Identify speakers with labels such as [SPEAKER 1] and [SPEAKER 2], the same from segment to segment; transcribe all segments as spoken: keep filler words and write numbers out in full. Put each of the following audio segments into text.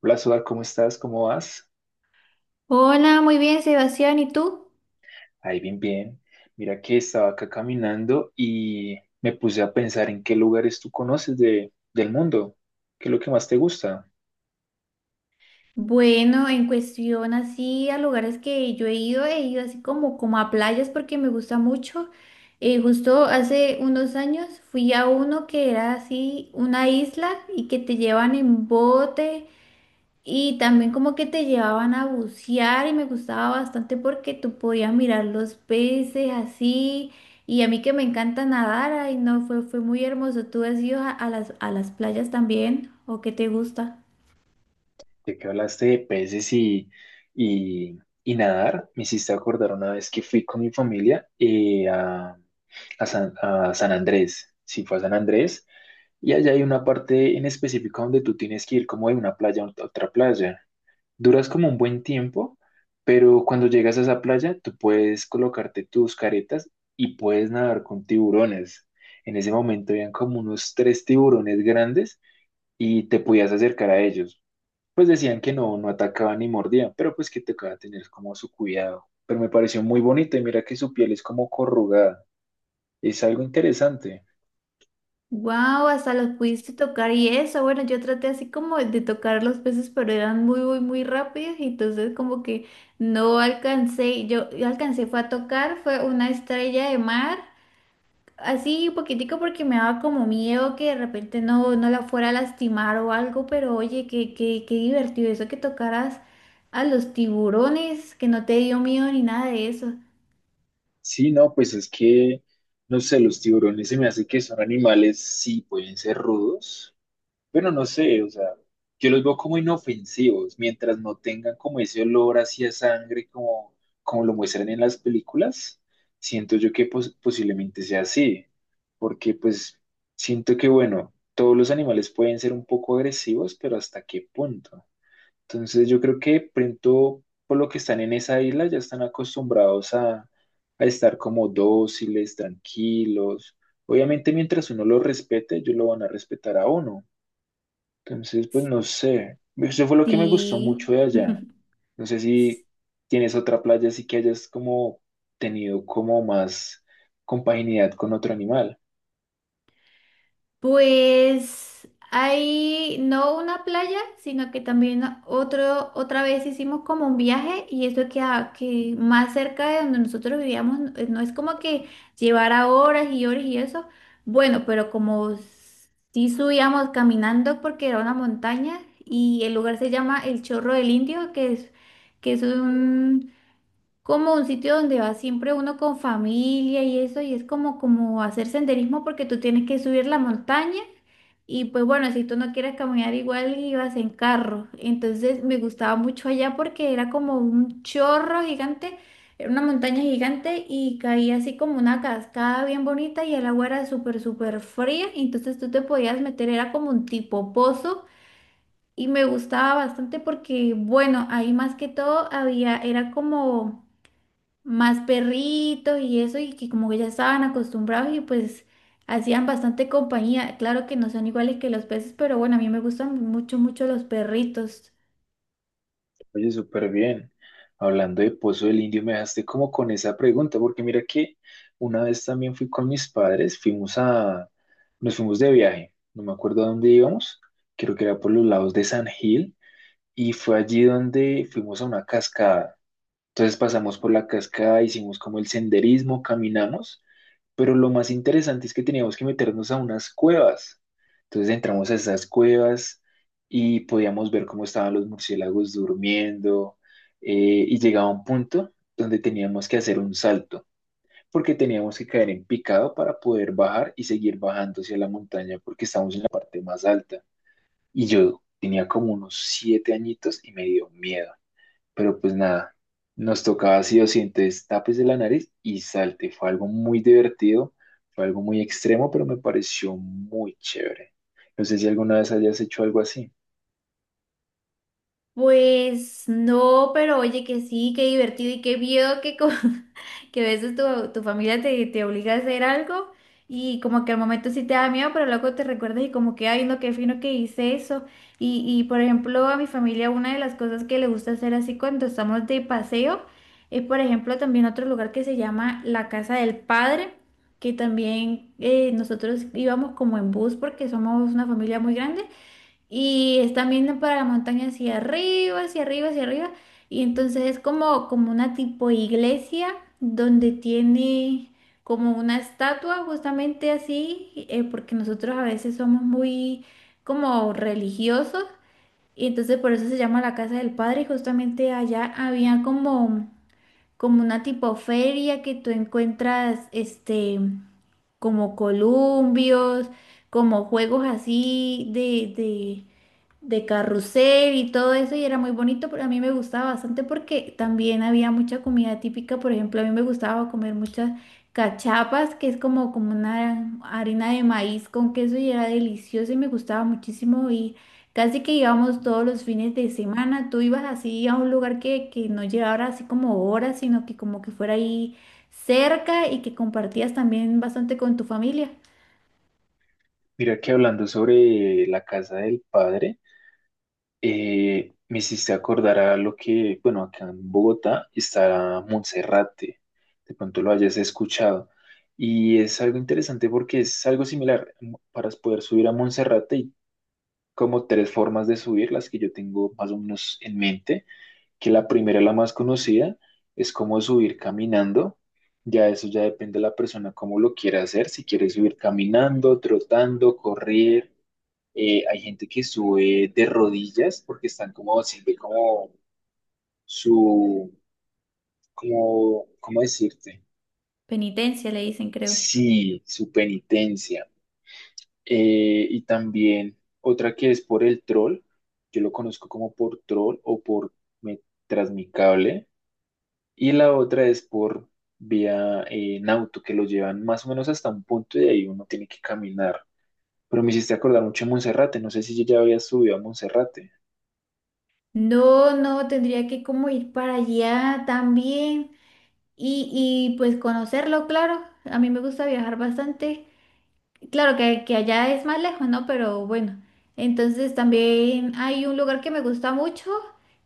[SPEAKER 1] Hola, Suar, ¿cómo estás? ¿Cómo vas?
[SPEAKER 2] Hola, muy bien, Sebastián, ¿y tú?
[SPEAKER 1] Ahí bien, bien. Mira que estaba acá caminando y me puse a pensar en qué lugares tú conoces de, del mundo. ¿Qué es lo que más te gusta?
[SPEAKER 2] Bueno, en cuestión así a lugares que yo he ido, he ido así como, como a playas porque me gusta mucho. Eh, justo hace unos años fui a uno que era así una isla y que te llevan en bote. Y también como que te llevaban a bucear y me gustaba bastante porque tú podías mirar los peces así. Y a mí que me encanta nadar, ay no, fue, fue muy hermoso. ¿Tú has ido a, a las, a las playas también? ¿O qué te gusta?
[SPEAKER 1] De que hablaste de peces y, y, y nadar. Me hiciste acordar una vez que fui con mi familia eh, a, a San, a San Andrés. Sí, fue a San Andrés. Y allá hay una parte en específico donde tú tienes que ir como de una playa a otra playa. Duras como un buen tiempo, pero cuando llegas a esa playa, tú puedes colocarte tus caretas y puedes nadar con tiburones. En ese momento habían como unos tres tiburones grandes y te podías acercar a ellos. Pues decían que no, no atacaban ni mordían, pero pues que tocaba tener como su cuidado. Pero me pareció muy bonito y mira que su piel es como corrugada. Es algo interesante.
[SPEAKER 2] Wow, hasta los pudiste tocar y eso. Bueno, yo traté así como de tocar los peces, pero eran muy, muy, muy rápidos y entonces como que no alcancé. Yo yo alcancé fue a tocar, fue una estrella de mar. Así un poquitico porque me daba como miedo que de repente no, no la fuera a lastimar o algo, pero oye, qué, qué, qué divertido eso que tocaras a los tiburones, que no te dio miedo ni nada de eso.
[SPEAKER 1] Sí, no, pues es que, no sé, los tiburones se me hace que son animales, sí, pueden ser rudos. Bueno, no sé, o sea, yo los veo como inofensivos, mientras no tengan como ese olor hacia sangre como, como lo muestran en las películas, siento yo que pos- posiblemente sea así, porque pues siento que, bueno, todos los animales pueden ser un poco agresivos, pero ¿hasta qué punto? Entonces yo creo que pronto, por lo que están en esa isla, ya están acostumbrados a, a estar como dóciles, tranquilos. Obviamente mientras uno los respete, ellos lo van a respetar a uno, entonces, pues no sé. Eso fue lo que me gustó
[SPEAKER 2] Sí.
[SPEAKER 1] mucho de allá. No sé si tienes otra playa así que hayas como tenido como más compaginidad con otro animal.
[SPEAKER 2] Pues hay no una playa, sino que también otro, otra vez hicimos como un viaje y eso que, a- que más cerca de donde nosotros vivíamos, no no es como que llevara horas y horas y eso. Bueno, pero como sí subíamos caminando porque era una montaña y el lugar se llama El Chorro del Indio, que es, que es un, como un sitio donde va siempre uno con familia y eso, y es como, como hacer senderismo porque tú tienes que subir la montaña. Y pues bueno, si tú no quieres caminar igual, ibas en carro. Entonces me gustaba mucho allá porque era como un chorro gigante, era una montaña gigante y caía así como una cascada bien bonita y el agua era súper, súper fría. y Entonces tú te podías meter, era como un tipo pozo y me gustaba bastante porque, bueno, ahí más que todo había, era como más perritos y eso, y que como que ya estaban acostumbrados y pues hacían bastante compañía. Claro que no son iguales que los peces, pero bueno, a mí me gustan mucho, mucho los perritos.
[SPEAKER 1] Oye, súper bien. Hablando de Pozo del Indio, me dejaste como con esa pregunta, porque mira que una vez también fui con mis padres, fuimos a, nos fuimos de viaje, no me acuerdo a dónde íbamos, creo que era por los lados de San Gil, y fue allí donde fuimos a una cascada. Entonces pasamos por la cascada, hicimos como el senderismo, caminamos, pero lo más interesante es que teníamos que meternos a unas cuevas. Entonces entramos a esas cuevas y podíamos ver cómo estaban los murciélagos durmiendo. Eh, y llegaba un punto donde teníamos que hacer un salto, porque teníamos que caer en picado para poder bajar y seguir bajando hacia la montaña porque estamos en la parte más alta. Y yo tenía como unos siete añitos y me dio miedo. Pero pues nada, nos tocaba así o sí, entonces tápese la nariz y salte. Fue algo muy divertido, fue algo muy extremo, pero me pareció muy chévere. No sé si alguna vez hayas hecho algo así.
[SPEAKER 2] Pues no, pero oye que sí, qué divertido y qué miedo que, co- que a veces tu, tu familia te, te obliga a hacer algo y como que al momento sí te da miedo, pero luego te recuerdas y como que, ay, no, qué fino que hice eso. Y, y por ejemplo, a mi familia una de las cosas que le gusta hacer así cuando estamos de paseo es, por ejemplo, también otro lugar que se llama la Casa del Padre, que también eh, nosotros íbamos como en bus porque somos una familia muy grande. Y están viendo para la montaña hacia arriba, hacia arriba, hacia arriba. Y entonces es como, como una tipo iglesia donde tiene como una estatua justamente así, eh, porque nosotros a veces somos muy como religiosos. Y entonces por eso se llama la Casa del Padre. Y justamente allá había como como una tipo feria que tú encuentras, este, como columpios, como juegos así de, de, de carrusel y todo eso, y era muy bonito, pero a mí me gustaba bastante porque también había mucha comida típica, por ejemplo, a mí me gustaba comer muchas cachapas, que es como, como una harina de maíz con queso y era delicioso y me gustaba muchísimo y casi que íbamos todos los fines de semana, tú ibas así a un lugar que, que no llevara así como horas, sino que como que fuera ahí cerca y que compartías también bastante con tu familia.
[SPEAKER 1] Mira que hablando sobre la casa del padre, eh, me hiciste acordar a lo que, bueno, acá en Bogotá está Monserrate, de pronto lo hayas escuchado. Y es algo interesante porque es algo similar. Para poder subir a Monserrate y como tres formas de subir, las que yo tengo más o menos en mente, que la primera, la más conocida, es como subir caminando. Ya eso ya depende de la persona cómo lo quiera hacer, si quiere subir caminando, trotando, correr. Eh, hay gente que sube de rodillas porque están como, sirve como su, como, ¿cómo decirte?
[SPEAKER 2] Penitencia le dicen, creo.
[SPEAKER 1] Sí, su penitencia. Eh, y también otra que es por el troll, yo lo conozco como por troll o por me- tras mi cable, y la otra es por vía eh, en auto, que lo llevan más o menos hasta un punto y de ahí uno tiene que caminar. Pero me hiciste acordar mucho de Monserrate, no sé si ya había subido a Monserrate.
[SPEAKER 2] No, no, tendría que como ir para allá también y, y pues conocerlo, claro. A mí me gusta viajar bastante. Claro que, que allá es más lejos, ¿no? Pero bueno, entonces también hay un lugar que me gusta mucho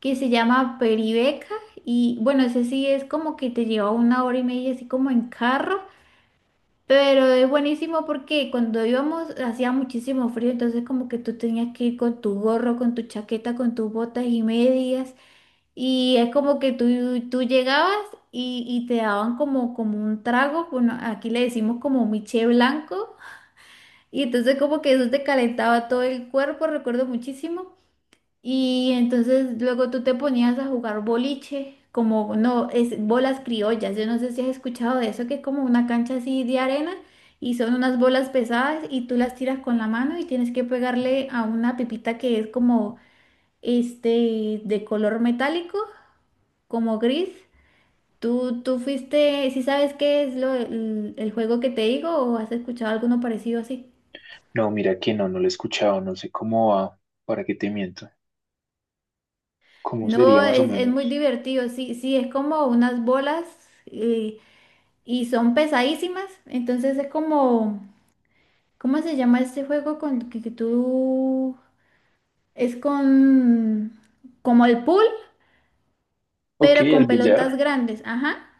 [SPEAKER 2] que se llama Peribeca y bueno, ese sí es como que te lleva una hora y media así como en carro, pero es buenísimo porque cuando íbamos hacía muchísimo frío, entonces como que tú tenías que ir con tu gorro, con tu chaqueta, con tus botas y medias y es como que tú, tú llegabas y, y te daban como, como un trago, bueno, aquí le decimos como miche blanco. Y entonces como que eso te calentaba todo el cuerpo, recuerdo muchísimo. Y entonces luego tú te ponías a jugar boliche, como no, es bolas criollas. Yo no sé si has escuchado de eso, que es como una cancha así de arena y son unas bolas pesadas y tú las tiras con la mano y tienes que pegarle a una pipita que es como este de color metálico, como gris. ¿Tú, tú fuiste, si sabes qué es lo, el el juego que te digo o has escuchado alguno parecido así?
[SPEAKER 1] No, mira que no, no lo he escuchado, no sé cómo va, para qué te miento, cómo sería
[SPEAKER 2] No,
[SPEAKER 1] más o
[SPEAKER 2] es, es muy
[SPEAKER 1] menos.
[SPEAKER 2] divertido, sí, sí, es como unas bolas eh, y son pesadísimas, entonces es como, ¿cómo se llama este juego con que, que tú es con como el pool,
[SPEAKER 1] Ok,
[SPEAKER 2] pero
[SPEAKER 1] el
[SPEAKER 2] con pelotas
[SPEAKER 1] billar.
[SPEAKER 2] grandes, ajá.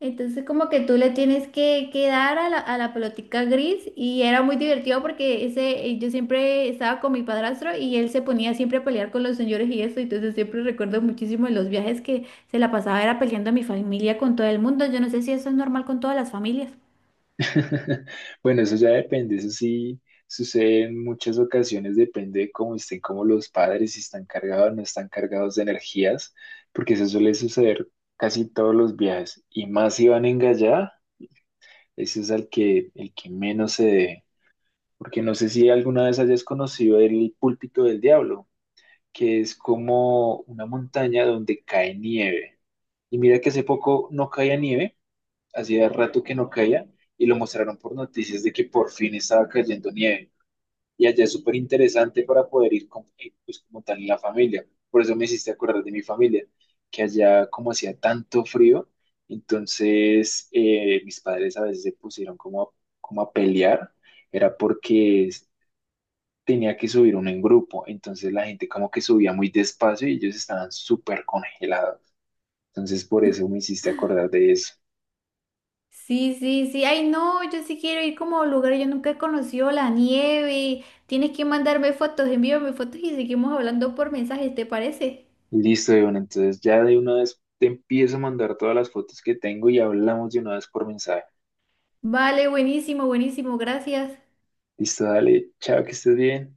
[SPEAKER 2] Entonces como que tú le tienes que, que dar a la, a la pelotica gris y era muy divertido porque ese, eh, yo siempre estaba con mi padrastro y él se ponía siempre a pelear con los señores y eso, entonces siempre recuerdo muchísimo de los viajes que se la pasaba era peleando a mi familia con todo el mundo. Yo no sé si eso es normal con todas las familias.
[SPEAKER 1] Bueno, eso ya depende, eso sí sucede en muchas ocasiones, depende de cómo estén como los padres, si están cargados o no están cargados de energías, porque eso suele suceder casi todos los viajes, y más si van en gallada, ese es al que, el que menos se debe, porque no sé si alguna vez hayas conocido el púlpito del diablo, que es como una montaña donde cae nieve, y mira que hace poco no caía nieve, hacía rato que no caía y lo mostraron por noticias de que por fin estaba cayendo nieve. Y allá es súper interesante para poder ir con- eh, pues, como tal en la familia. Por eso me hiciste acordar de mi familia, que allá como hacía tanto frío, entonces eh, mis padres a veces se pusieron como a, como a pelear, era porque es- tenía que subir uno en grupo, entonces la gente como que subía muy despacio y ellos estaban súper congelados. Entonces por eso me hiciste acordar de eso.
[SPEAKER 2] Sí, sí, sí. Ay, no, yo sí quiero ir como a lugares. Yo nunca he conocido la nieve. Tienes que mandarme fotos, envíame fotos y seguimos hablando por mensajes, ¿te parece?
[SPEAKER 1] Listo, Iván. Entonces ya de una vez te empiezo a mandar todas las fotos que tengo y hablamos de una vez por mensaje.
[SPEAKER 2] Vale, buenísimo, buenísimo, gracias.
[SPEAKER 1] Listo, dale. Chao, que estés bien.